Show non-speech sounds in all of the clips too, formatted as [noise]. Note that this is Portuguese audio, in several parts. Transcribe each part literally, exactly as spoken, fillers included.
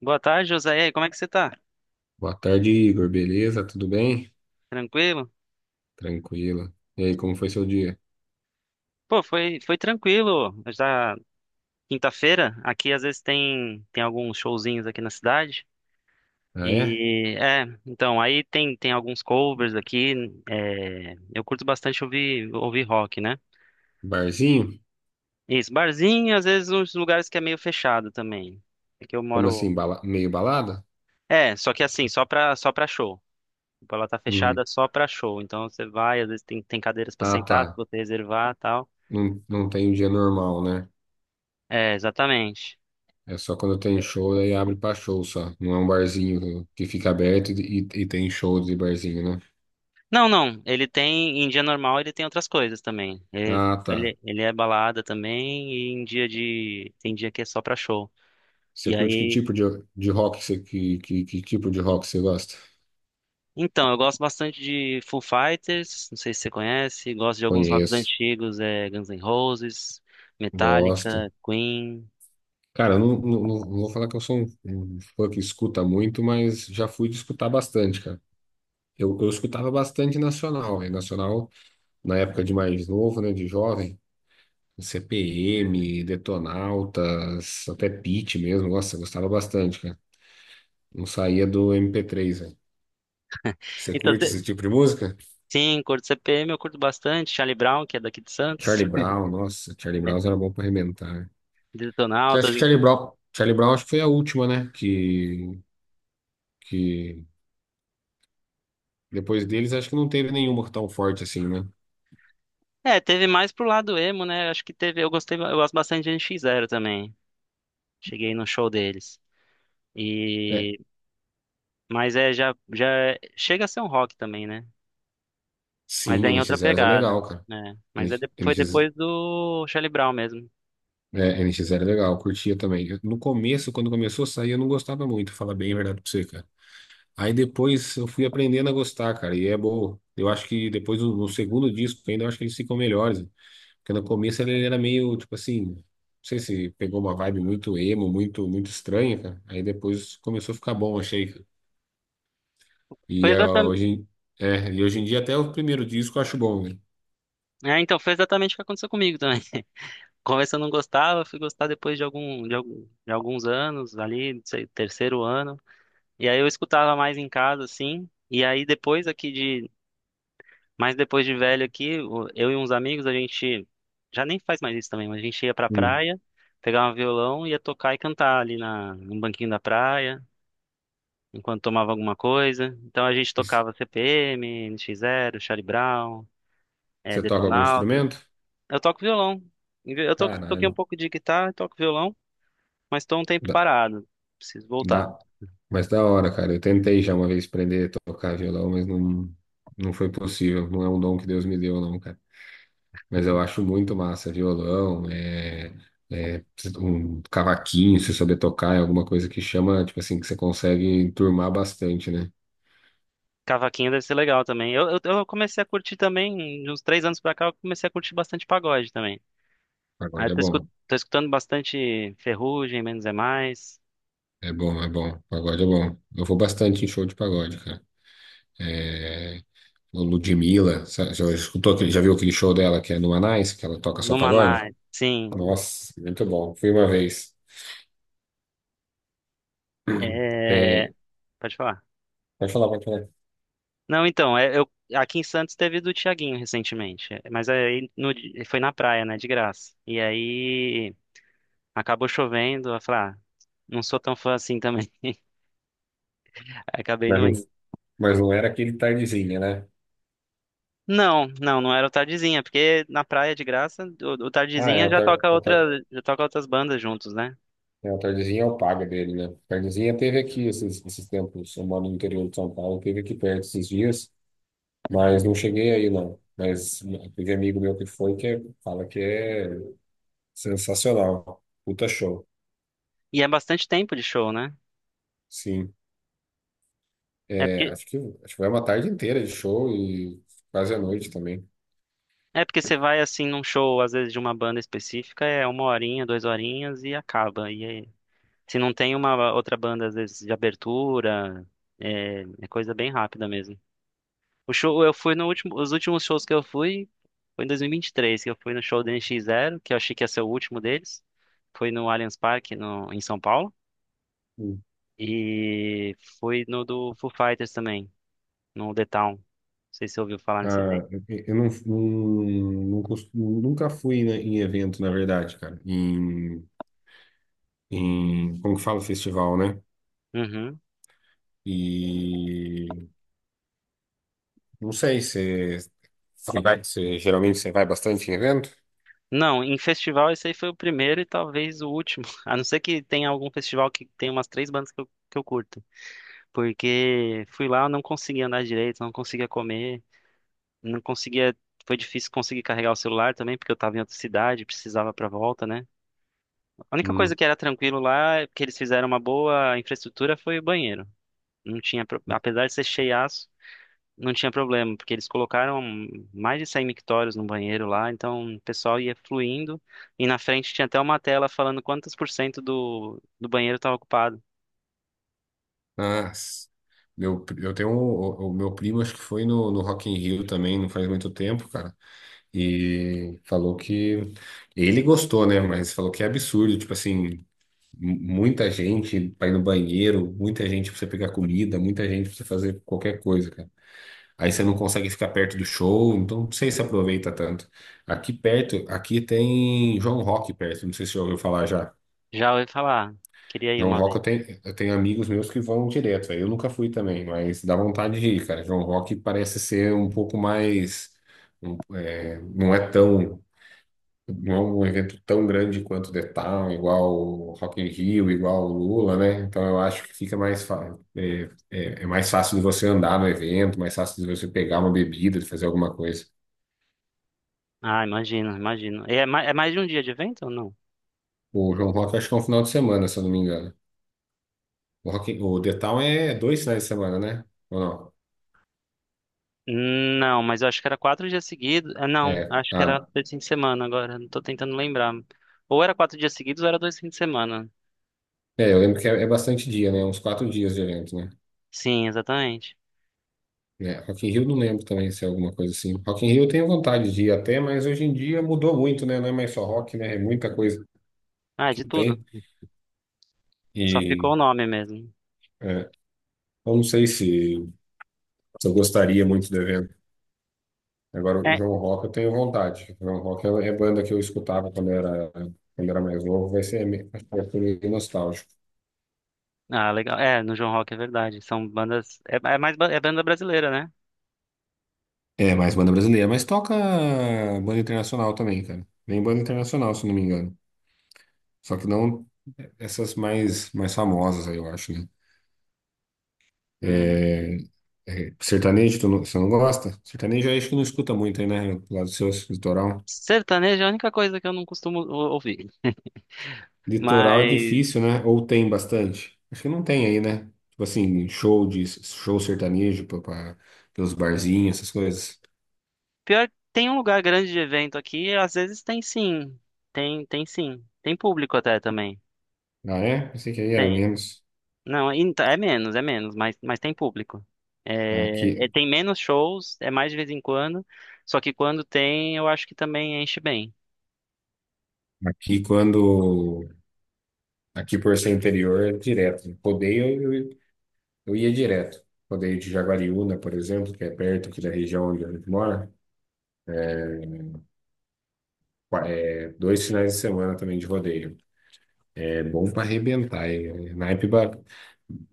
Boa tarde, José. E aí, como é que você tá? Boa tarde, Igor. Beleza? Tudo bem? Tranquilo? Tranquilo. E aí, como foi seu dia? Pô, foi, foi tranquilo. Já quinta-feira, aqui às vezes tem, tem alguns showzinhos aqui na cidade. Ah, é? E é, então, aí tem, tem alguns covers aqui. É, eu curto bastante ouvir, ouvir rock, né? Barzinho? Isso, barzinho, às vezes uns lugares que é meio fechado também. É que eu Como assim? moro. bala- Meio balada? É, só que assim, só pra, só pra show. Tipo, ela tá Hum. fechada só pra show. Então você vai, às vezes tem, tem cadeiras pra Ah, tá. sentar, se você reservar e tal. Não, não tem um dia normal, né? É, exatamente. É só quando tem show, aí abre pra show só. Não é um barzinho que fica aberto e, e tem show de barzinho, né? Não, não. Ele tem, em dia normal, ele tem outras coisas também. Ele, Ah, tá. ele, ele é balada também e em dia de, tem dia que é só pra show. Você E curte que aí, tipo de, de rock você, que, que, que tipo de rock você gosta? então, eu gosto bastante de Foo Fighters, não sei se você conhece, gosto de alguns rocks Conheço. antigos, é Guns N' Roses, Gosto. Metallica, Queen. Cara, eu não, não, não- vou falar que eu sou um, um fã que escuta muito, mas já fui de escutar bastante, cara. Eu, eu escutava bastante nacional, e nacional na época de mais novo, né, de jovem, C P M, Detonautas, até Pitty mesmo, nossa, eu gostava bastante, cara. Não saía do mp três velho. Você Então, curte cê- esse tipo de música? sim, curto C P M, eu curto bastante, Charlie Brown, que é daqui de Santos, Charlie Brown, nossa, Charlie [laughs] é, Brown era bom pra arrebentar, né? Você acha Detonautas. que Charlie Brown, Charlie Brown acho que foi a última, né, que, que depois deles acho que não teve nenhuma tão forte assim, né? É, teve mais pro lado emo, né? Acho que teve, eu gostei, eu gosto bastante de N X Zero também. Cheguei no show deles. É, E mas é já já é- chega a ser um rock também, né? Mas sim, é N em nx outra zero é pegada, legal, cara. né? N Mas é de- foi NX, depois do Charlie Brown mesmo. é, nx zero é legal, eu curtia também. Eu- No começo, quando começou a sair, eu não gostava muito, falar bem a verdade pra você, cara. Aí depois eu fui aprendendo a gostar, cara, e é bom. Eu acho que depois, no no segundo disco ainda, eu acho que eles ficam melhores. Porque no começo ele era meio, tipo assim, não sei se pegou uma vibe muito emo, muito, muito estranha, cara. Aí depois começou a ficar bom, achei, cara. Foi E, é, exatamente, hoje, em- é, e hoje em dia até o primeiro disco eu acho bom, né? é, então foi exatamente o que aconteceu comigo também. [laughs] Começo eu não gostava, fui gostar depois de algum de, algum- de alguns anos ali, não sei, terceiro ano. E aí eu escutava mais em casa assim. E aí depois aqui Mas depois de velho aqui, o- eu e uns amigos, a gente já nem faz mais isso também, mas a gente ia pra Hum. praia, pegava um violão, ia tocar e cantar ali na, no banquinho da praia, enquanto tomava alguma coisa. Então a gente E c- tocava C P M, N X zero, Charlie Brown, eh, Você toca algum Detonautas. instrumento? Eu toco violão. Eu to- toquei um Caralho. pouco de guitarra, toco violão, mas tô um tempo Da, parado. Preciso voltar. da, mas da hora, cara. Eu tentei já uma vez aprender a tocar violão, mas não, não foi possível. Não é um dom que Deus me deu, não, cara. Mas eu acho muito massa violão, é, é um cavaquinho, se souber tocar, é alguma coisa que chama, tipo assim, que você consegue enturmar bastante, né? Cavaquinho deve ser legal também. Eu, eu, eu comecei a curtir também, de uns três anos pra cá, eu comecei a curtir bastante pagode também. Ah, eu Pagode é tô, escu- bom. tô escutando bastante Ferrugem, Menos é Mais, É bom, é bom. Pagode é bom. Eu vou bastante em show de pagode, cara. É, o Ludmilla, sabe, já escutou, aquele- já viu aquele show dela que é no Anais, que ela toca só no pagode? Maná. Sim. Nossa, muito bom. Fui uma vez. É, Tem. pode falar. Pode falar, pode falar. Não, então, é, eu, aqui em Santos teve do Thiaguinho recentemente, é, mas aí no di- foi na praia, né, de graça. E aí acabou chovendo, eu falei, ah, não sou tão fã assim também. [laughs] Aí acabei Mas não não, indo. mas não era aquele tardezinha, né? Não, não, não era o Tardezinha, porque na praia de graça, o, o Ah, é, Tardezinha o, já tar, toca o, tar, outra, já toca outras bandas juntos, né? é, o tardezinha é o paga dele, né? Tardezinha teve aqui esses, esses tempos. Eu moro no interior de São Paulo, teve aqui perto esses dias, mas não cheguei aí, não. Mas teve amigo meu que foi que é- fala que é sensacional. Puta show. E é bastante tempo de show, né? Sim. É É, porque acho que, acho que foi uma tarde inteira de show e quase a noite também. É porque você vai assim num show, às vezes de uma banda específica, é uma horinha, duas horinhas e acaba. E aí, se não tem uma outra banda, às vezes de abertura, é, é coisa bem rápida mesmo. O show, eu fui no último, os últimos shows que eu fui foi em dois mil e e vinte e três que eu fui no show do N X Zero, que eu achei que ia ser o último deles. Foi no Allianz Parque, no, em São Paulo. E fui no do Foo Fighters também, no The Town. Não sei se você ouviu falar nesse evento. Ah, eu não, não, não costumo- nunca fui, né, em evento, na verdade, cara. Em, em, como que fala, festival, né? Uhum. E não sei se você vai, você- geralmente você vai bastante em evento? Não, em festival esse aí foi o primeiro e talvez o último. [laughs] A não ser que tenha algum festival que tenha umas três bandas que eu, que eu curto. Porque fui lá, eu não conseguia andar direito, não conseguia comer, não conseguia. Foi difícil conseguir carregar o celular também, porque eu tava em outra cidade, precisava pra volta, né? A única coisa Hum. que era tranquilo lá, que eles fizeram uma boa infraestrutura, foi o banheiro. Não tinha, pro- apesar de ser cheiaço, não tinha problema, porque eles colocaram mais de cem mictórios no banheiro lá, então o pessoal ia fluindo e na frente tinha até uma tela falando quantos por cento do, do banheiro estava ocupado. Ah, s- meu, pri- eu tenho um, o, o meu primo, acho que foi no, no Rock in Rio também, não faz muito tempo, cara. E falou que ele gostou, né? Mas falou que é absurdo, tipo assim. M- Muita gente pra ir no banheiro, muita gente pra você pegar comida, muita gente pra você fazer qualquer coisa, cara. Aí você não consegue ficar perto do show, então não sei se aproveita tanto. Aqui perto, aqui tem João Rock perto, não sei se você já ouviu falar já. Já ouvi falar, queria ir João uma Rock eu vez. tenho, eu tenho amigos meus que vão direto, aí eu nunca fui também, mas dá vontade de ir, cara. João Rock parece ser um pouco mais, um- é, não é tão não é um evento tão grande quanto o The Town, igual o Rock in Rio, igual o Lula, né? Então eu acho que fica mais fácil. É, é- é mais fácil de você andar no evento, mais fácil de você pegar uma bebida, de fazer alguma coisa. Ah, imagino, imagino. E É, ma- é mais de um dia de evento ou não? O João Rock acho que é um final de semana, se eu não me engano. O, Rock, in- o The Town é dois finais de semana, né? Ou não? Não, mas eu acho que era quatro dias seguidos. Ah, não, É, acho que era ah, dois fins de semana agora, não tô tentando lembrar. Ou era quatro dias seguidos ou era dois fins de semana. é, eu lembro que é, é bastante dia, né? Uns quatro dias de evento, né? Sim, exatamente. É, Rock in Rio não lembro também se é alguma coisa assim. Rock in Rio eu tenho vontade de ir até, mas hoje em dia mudou muito, né? Não é mais só rock, né? É muita coisa Ah, que de tudo. tem. Só ficou E o nome mesmo. é, eu não sei se, se eu gostaria muito do evento. Agora, o João Rock eu tenho vontade. O João Rock é é banda que eu escutava quando era, quando era mais novo, vai ser meio, acho que vai ser meio nostálgico. Ah, legal. É, no João Rock é verdade. São bandas. É, é mais ba- é banda brasileira, né? É, mais banda brasileira, mas toca banda internacional também, cara. Vem banda internacional, se não me engano. Só que não essas mais, mais famosas aí, eu acho, né? Hum, É, é, sertanejo, tu não, você não gosta? Sertanejo eu acho que não escuta muito aí, né? Lá do seu litoral. sertanejo é a única coisa que eu não costumo ou- ouvir. Litoral é Mas difícil, né? Ou tem bastante? Acho que não tem aí, né? Tipo assim, show de show sertanejo pra, pra- pelos barzinhos, essas coisas. pior, tem um lugar grande de evento aqui, às vezes tem sim. Tem, tem sim. Tem público até também. Ah, é? Pensei que aí era Tem. menos. Não, e- então, é menos, é menos, mas, mas tem público. É, Aqui, é- tem menos shows, é mais de vez em quando. Só que quando tem, eu acho que também enche bem. aqui quando. Aqui por ser interior é direto. Rodeio, eu, eu ia direto. Rodeio de Jaguariúna, por exemplo, que é perto aqui da região onde a gente mora. Qua- É, dois finais de semana também de rodeio. É bom pra arrebentar. É, naipe ba-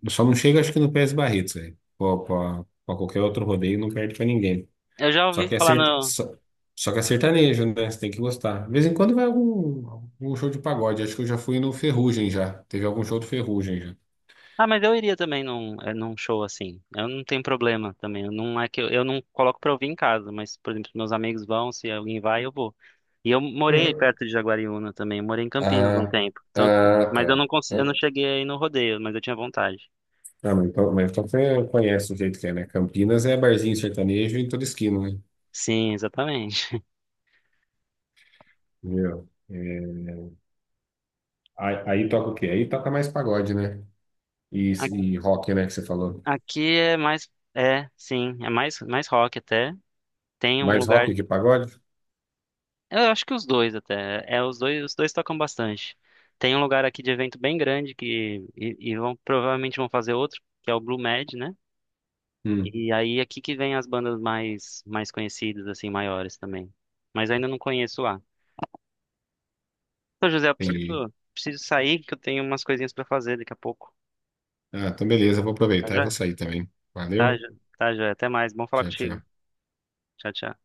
Só não chega, acho que no P S Barretos, velho. Pô, Pra pra qualquer outro rodeio, não perde pra ninguém. Eu já Só ouvi que é falar cert... no. só... Só que é sertanejo, né? Você tem que gostar. De vez em quando vai algum... algum show de pagode. Acho que eu já fui no Ferrugem já. Teve algum show do Ferrugem já. Ah, mas eu iria também num, é, num show assim. Eu não tenho problema também. Eu não é que eu, eu não coloco pra ouvir em casa, mas, por exemplo, meus amigos vão, se alguém vai, eu vou. E eu morei É. perto de Jaguariúna também. Eu morei em Campinas um Ah, tempo. Então, ah, mas eu não tá. consegui, eu não Então- cheguei aí no rodeio, mas eu tinha vontade. Ah, mas então, mas então você conhece o jeito que é, né? Campinas é barzinho sertanejo em toda esquina, né? Sim, exatamente. [laughs] Viu? É, Aí, aí toca o quê? Aí toca mais pagode, né? E, A- e rock, né, que você falou. Aqui é mais, é, sim, é mais mais rock até. Tem um Mais lugar, rock que pagode? Eu acho que os dois até. É, os dois, os dois tocam bastante. Tem um lugar aqui de evento bem grande que e, e vão provavelmente vão fazer outro, que é o Blue Med, né? E aí é aqui que vem as bandas mais mais conhecidas assim, maiores também. Mas ainda não conheço lá. Então, José, eu Entendi. preciso, preciso sair que eu tenho umas coisinhas pra fazer daqui a pouco. Ah, então beleza, eu vou Tá aproveitar e já? vou sair também. Tá, Valeu. já, tá já. Até mais. Bom falar Tchau, contigo. tchau. Tchau, tchau.